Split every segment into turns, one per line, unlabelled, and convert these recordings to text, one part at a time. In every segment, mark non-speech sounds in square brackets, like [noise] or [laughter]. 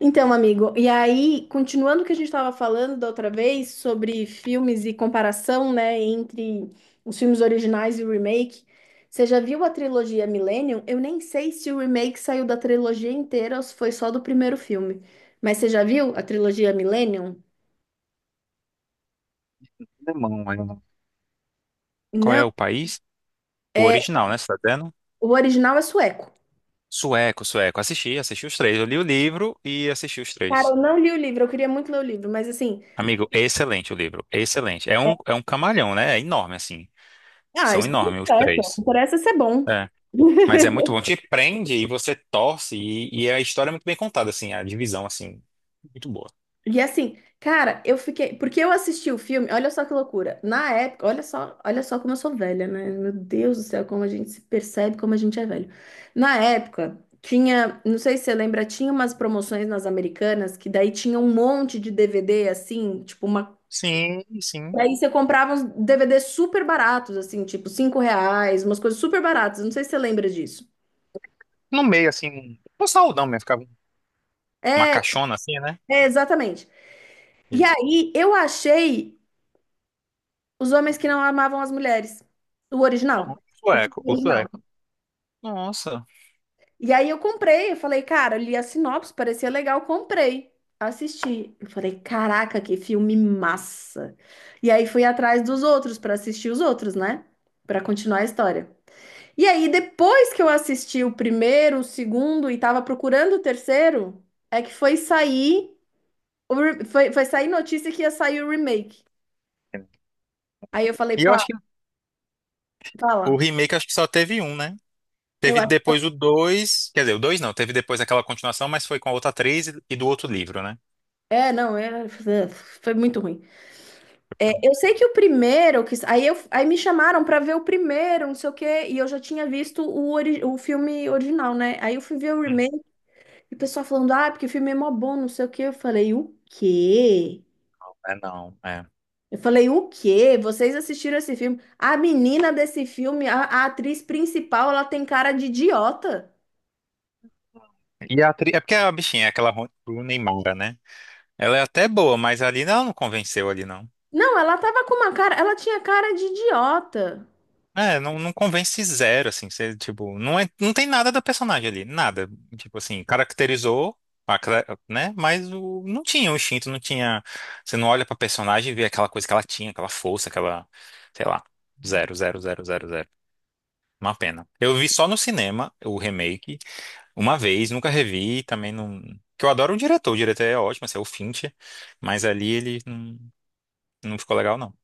Então, amigo, e aí, continuando o que a gente estava falando da outra vez sobre filmes e comparação, né, entre os filmes originais e o remake, você já viu a trilogia Millennium? Eu nem sei se o remake saiu da trilogia inteira ou se foi só do primeiro filme. Mas você já viu a trilogia Millennium?
Alemão, é. Qual é
Não,
o país? O
é,
original, né? Você tá vendo?
o original é sueco.
Sueco, sueco. Assisti, assisti os três. Eu li o livro e assisti os
Cara,
três.
eu não li o livro, eu queria muito ler o livro, mas assim,
Amigo, excelente o livro. Excelente. É um camalhão, né? É enorme, assim.
ah,
São
isso não
enormes os
interessa, o que
três.
interessa é ser bom.
É. Mas é muito bom. Te prende e você torce. E a história é muito bem contada, assim. A divisão, assim. Muito boa.
E assim, cara, eu fiquei. Porque eu assisti o filme, olha só que loucura. Na época, olha só como eu sou velha, né? Meu Deus do céu, como a gente se percebe, como a gente é velho. Na época, tinha, não sei se você lembra, tinha umas promoções nas Americanas que daí tinha um monte de DVD, assim, tipo uma.
Sim,
E
sim.
aí você comprava uns DVDs super baratos, assim, tipo R$ 5, umas coisas super baratas. Não sei se você lembra disso.
No meio, assim. Um saudão mesmo. Ficava uma
É,
caixona, assim, né?
é, exatamente. E
Isso.
aí eu achei. Os Homens que Não Amavam as Mulheres. O
Não, o
original. O filme
sueco, o
original.
sueco. Nossa.
E aí eu comprei, eu falei, cara, eu li a sinopse, parecia legal, comprei. Assisti. Eu falei, caraca, que filme massa. E aí fui atrás dos outros para assistir os outros, né? Para continuar a história. E aí, depois que eu assisti o primeiro, o segundo e tava procurando o terceiro, é que foi sair, foi sair notícia que ia sair o remake. Aí eu falei,
E eu
pá,
acho que o
fala.
remake acho que só teve um, né?
Eu
Teve depois o dois, quer dizer, o 2 não, teve depois aquela continuação, mas foi com a outra atriz e do outro livro, né?
É, não, é, foi muito ruim. É, eu sei que o primeiro, que, aí, eu, aí me chamaram pra ver o primeiro, não sei o quê, e eu já tinha visto o filme original, né? Aí eu fui ver o
Hum.
remake, e o pessoal falando, ah, porque o filme é mó bom, não sei o quê. Eu falei, o quê?
É, não, é.
Eu falei, o quê? Vocês assistiram esse filme? A menina desse filme, a atriz principal, ela tem cara de idiota.
E a atriz, é porque a bichinha é aquela Rooney Mara, né? Ela é até boa, mas ali não, não convenceu ali não.
Não, ela tava com uma cara, ela tinha cara de idiota.
É, não, não convence zero, assim, você, tipo, não é, não tem nada da personagem ali, nada. Tipo assim, caracterizou, né? Mas o, não tinha o instinto, não tinha, você não olha pra personagem e vê aquela coisa que ela tinha, aquela força, aquela, sei lá, zero, zero, zero, zero, zero. Uma pena. Eu vi só no cinema o remake, uma vez, nunca revi, também não. Que eu adoro o diretor é ótimo, assim, é o Fincher, mas ali ele não, não ficou legal, não.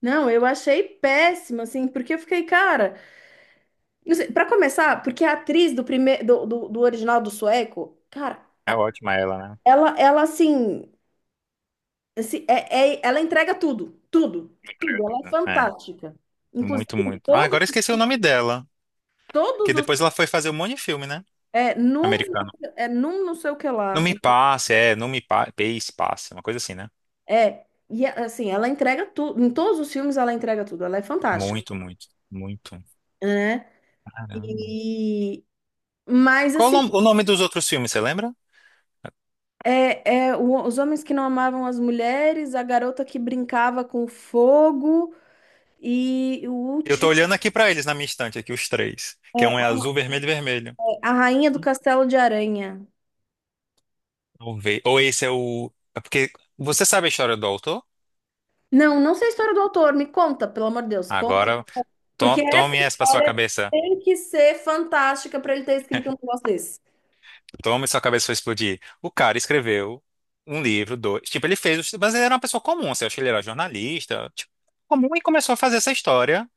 Não, eu achei péssimo, assim, porque eu fiquei, cara. Não sei, pra começar, porque a atriz do primeiro do original do sueco, cara,
É ótima ela, né?
ela assim, assim, ela entrega tudo, tudo,
Entrega
tudo, ela
tudo,
é
né? É,
fantástica. Inclusive
muito, muito. Ah, agora eu esqueci o nome dela, que
todos os
depois ela foi fazer um monte de filme, né?
é num
Americano.
é num não sei o que
Não
lá.
me passe, é, não me pa... passe, passe, uma coisa assim, né?
É, e é, assim, ela entrega tudo, em todos os filmes ela entrega tudo, ela é fantástica,
Muito, muito, muito.
né?
Caramba.
E mas
Qual o
assim,
nom- o nome dos outros filmes, você lembra?
os homens que não amavam as mulheres, a garota que brincava com fogo, e o
Eu tô
último
olhando aqui pra eles na minha estante, aqui, os três. Que é
é
um é azul, vermelho e vermelho.
A Rainha do Castelo de Aranha.
Vamos ver. Ou esse é o. É porque você sabe a história do autor?
Não, não sei a história do autor, me conta, pelo amor de Deus, conta.
Agora,
Porque essa
tome essa pra sua
história
cabeça.
tem que ser fantástica para ele ter escrito um negócio desse.
Tome sua cabeça vai explodir. O cara escreveu um livro, dois. Tipo, ele fez. Mas ele era uma pessoa comum. Você acha que ele era jornalista? Tipo, comum e começou a fazer essa história,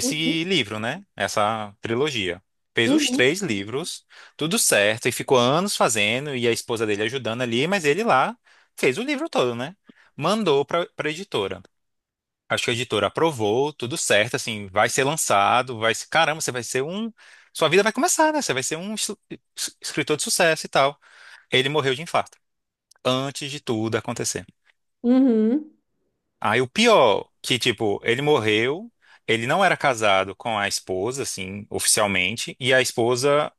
Uhum,
livro, né? Essa trilogia. Fez os
uhum,
três livros, tudo certo, e ficou anos fazendo, e a esposa dele ajudando ali, mas ele lá fez o livro todo, né? Mandou pra editora. Acho que a editora aprovou, tudo certo, assim, vai ser lançado, vai ser, caramba, você vai ser um, sua vida vai começar, né? Você vai ser um escritor de sucesso e tal. Ele morreu de infarto, antes de tudo acontecer.
uhum.
Aí o pior, que tipo, ele morreu, ele não era casado com a esposa, assim, oficialmente, e a esposa,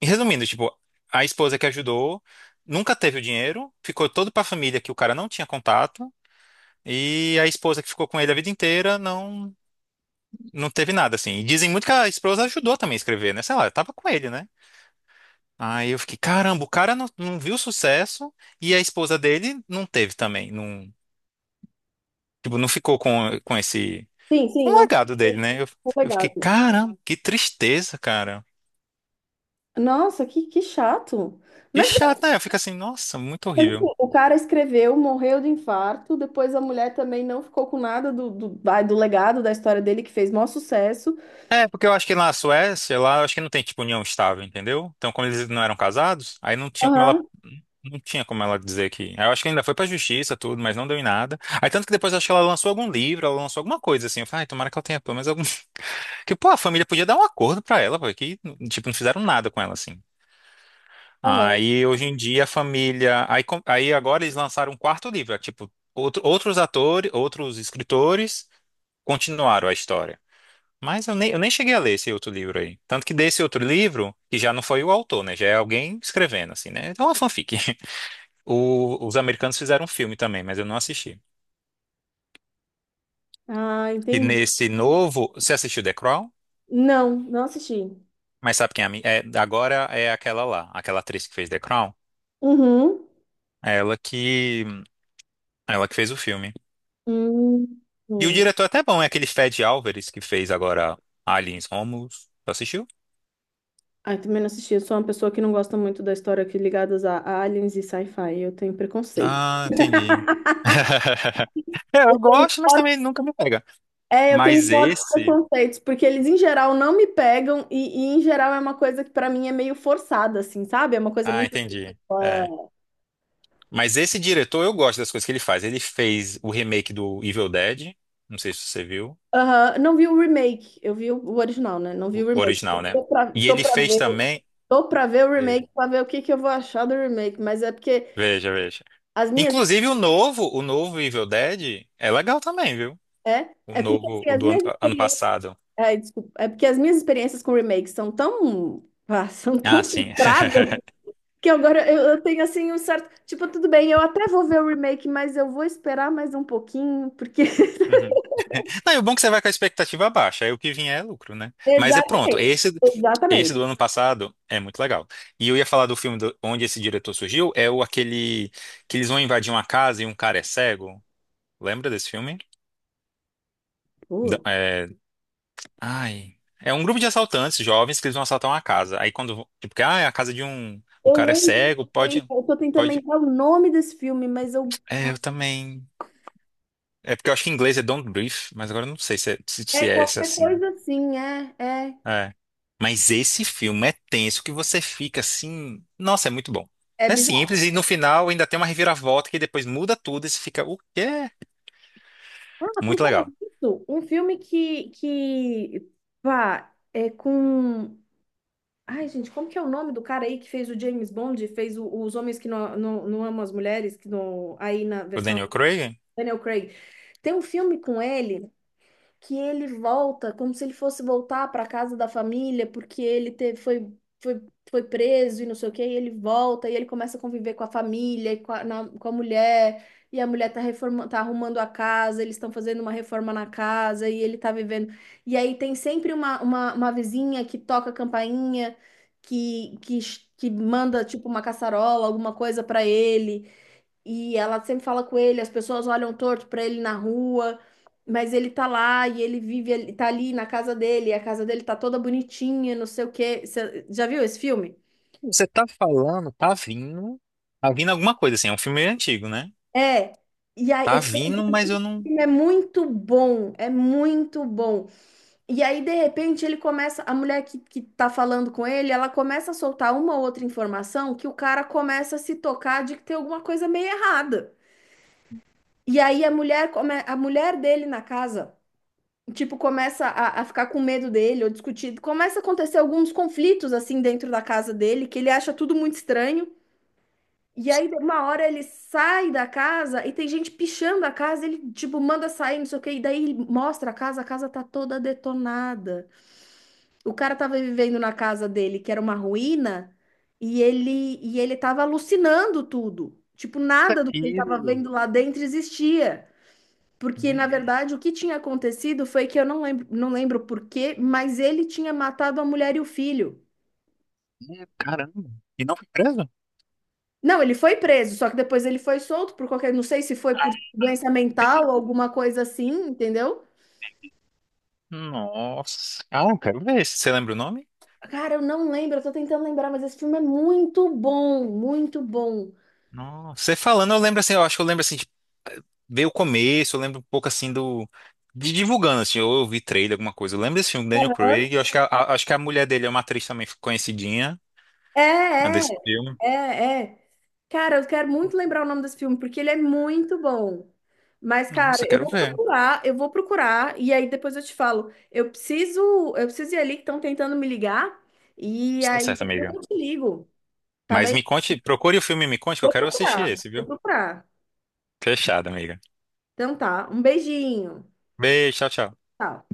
e resumindo, tipo, a esposa que ajudou nunca teve o dinheiro, ficou todo pra família que o cara não tinha contato. E a esposa que ficou com ele a vida inteira não. Não teve nada, assim. E dizem muito que a esposa ajudou também a escrever, né? Sei lá, eu tava com ele, né? Aí eu fiquei, caramba, o cara não, não viu sucesso e a esposa dele não teve também. Não, tipo, não ficou com esse...
Sim,
Com
sim,
o
não,
legado dele, né?
não foi
Eu
legal.
fiquei, caramba, que tristeza, cara.
Nossa, que chato.
Que
Mas,
chato, né? Eu fico assim, nossa, muito
mas, assim,
horrível.
o cara escreveu, morreu de infarto, depois a mulher também não ficou com nada do legado da história dele, que fez maior sucesso.
É, porque eu acho que lá na Suécia, lá eu acho que não tem, tipo, união estável, entendeu? Então, como eles não eram casados, aí não tinha como ela.
Aham,
Não tinha como ela dizer que. Eu acho que ainda foi pra justiça, tudo, mas não deu em nada. Aí tanto que depois eu acho que ela lançou algum livro, ela lançou alguma coisa assim. Eu falei, ai, tomara que ela tenha pelo menos algum. [laughs] Que, pô, a família podia dar um acordo pra ela, pô, que, tipo, não fizeram nada com ela assim.
aham.
Aí hoje em dia a família. Aí agora eles lançaram um quarto livro, é, tipo, outros atores, outros escritores continuaram a história. Eu nem cheguei a ler esse outro livro aí. Tanto que desse outro livro, que já não foi o autor, né? Já é alguém escrevendo, assim, né? Então é uma fanfic. Os americanos fizeram um filme também, mas eu não assisti.
Ah,
E
entendi.
nesse novo, você assistiu The Crown?
Não, não assisti.
Mas sabe quem é, é? Agora é aquela lá, aquela atriz que fez The Crown.
Uhum.
É ela que, ela que fez o filme.
Hum,
E o
hum.
diretor é até bom, é aquele Fed Álvares que fez agora Aliens Romulus. Tu assistiu?
Ah, eu também não assisti. Eu sou uma pessoa que não gosta muito da história que ligadas a aliens e sci-fi. Eu tenho preconceito.
Ah, entendi. [laughs] É, eu gosto, mas
Forte-
também nunca me pega.
É, eu tenho
Mas
fortes
esse.
preconceitos, porque eles em geral não me pegam e, em geral é uma coisa que pra mim é meio forçada, assim, sabe? É uma coisa
Ah,
muito.
entendi.
É,
É. Mas esse diretor, eu gosto das coisas que ele faz. Ele fez o remake do Evil Dead. Não sei se você viu.
aham, não vi o remake, eu vi o original, né? Não vi
O
o remake.
original, né? E ele fez também.
Tô pra ver o
Veja,
remake, pra ver o que que eu vou achar do remake, mas é porque
veja, veja.
as minhas.
Inclusive o novo Evil Dead é legal também, viu?
É,
O
é porque
novo,
assim,
o
as
do ano,
minhas
ano
experiências.
passado.
Ai, desculpa. É porque as minhas experiências com remakes são tão, ah, são
Ah,
tão
sim. [laughs]
frustradas que agora eu tenho assim um certo. Tipo, tudo bem, eu até vou ver o remake, mas eu vou esperar mais um pouquinho, porque. [laughs]
Uhum. Não, e o bom é que você vai com a expectativa baixa, aí o que vier é lucro, né? Mas é pronto,
Exatamente,
esse
exatamente.
do ano passado é muito legal. E eu ia falar do filme onde esse diretor surgiu, é o aquele que eles vão invadir uma casa e um cara é cego. Lembra desse filme?
Putz,
É, ai. É um grupo de assaltantes jovens que eles vão assaltar uma casa. Aí quando, tipo, que, ah, é a casa de um, o
eu
cara é
lembro,
cego, pode,
eu tô tentando
pode.
lembrar o nome desse filme, mas eu.
É, eu também. É porque eu acho que em inglês é Don't Breathe, mas agora eu não sei se é, se,
É
se é esse
qualquer
assim.
coisa assim,
É. Mas esse filme é tenso que você fica assim, nossa, é muito bom.
é
É
bizarro.
simples e no final ainda tem uma reviravolta que depois muda tudo e você fica, o quê?
Ah, por
Muito
falar
legal.
disso, um filme pá, é com. Ai, gente, como que é o nome do cara aí que fez o James Bond, fez o- os homens que não, não, não amam as mulheres, que não, aí na
O
versão
Daniel Craig,
Daniel Craig. Tem um filme com ele que ele volta como se ele fosse voltar para casa da família, porque ele teve, foi, foi preso e não sei o quê, e ele volta e ele começa a conviver com a família e com a mulher, e a mulher tá reforma, tá arrumando a casa, eles estão fazendo uma reforma na casa e ele tá vivendo. E aí tem sempre uma vizinha que toca a campainha, que, que, que manda tipo uma caçarola, alguma coisa para ele. E ela sempre fala com ele, as pessoas olham torto pra ele na rua, mas ele tá lá e ele vive, ele tá ali na casa dele, e a casa dele tá toda bonitinha, não sei o quê. Você já viu esse filme?
você tá falando, tá vindo alguma coisa assim, é um filme antigo, né?
É. E aí
Tá
eu queria
vindo,
dizer
mas
que
eu
o
não
filme é muito bom, é muito bom. E aí, de repente, ele começa, a mulher que tá falando com ele, ela começa a soltar uma ou outra informação que o cara começa a se tocar de que tem alguma coisa meio errada. E aí a mulher, a mulher dele na casa tipo, começa a ficar com medo dele ou discutir. Começa a acontecer alguns conflitos, assim, dentro da casa dele, que ele acha tudo muito estranho. E aí, uma hora ele sai da casa e tem gente pichando a casa, ele, tipo, manda sair, não sei o quê, e daí ele mostra a casa tá toda detonada. O cara tava vivendo na casa dele, que era uma ruína, e ele tava alucinando tudo. Tipo, nada do que ele tava
aquilo.
vendo lá dentro existia. Porque,
Meu,
na verdade, o que tinha acontecido foi que eu não lembro, não lembro por quê, mas ele tinha matado a mulher e o filho.
caramba. E não foi preso?
Não, ele foi preso, só que depois ele foi solto por qualquer, não sei se foi por doença
Entendi.
mental, alguma coisa assim, entendeu?
Nossa. Ah, eu quero ver. Você lembra o nome?
Cara, eu não lembro, eu tô tentando lembrar, mas esse filme é muito bom, muito bom.
Nossa. Você falando, eu lembro assim, eu acho que eu lembro assim, de ver o começo, eu lembro um pouco assim do. De divulgando, assim, ou eu vi trailer, alguma coisa. Eu lembro desse filme, Daniel Craig. Eu acho que acho que a mulher dele é uma atriz também conhecidinha, a
É,
desse filme.
é, é, é. Cara, eu quero muito lembrar o nome desse filme, porque ele é muito bom. Mas, cara,
Nossa, eu quero ver.
eu vou procurar, e aí depois eu te falo. Eu preciso ir ali que estão tentando me ligar, e
Isso tá
aí
certo,
depois
amiga.
eu te ligo, tá
Mas
bem?
me conte, procure o filme e me conte que eu
Vou
quero assistir
procurar,
esse,
vou
viu?
procurar.
Fechado, amiga.
Então tá, um beijinho.
Beijo, tchau, tchau.
Tchau.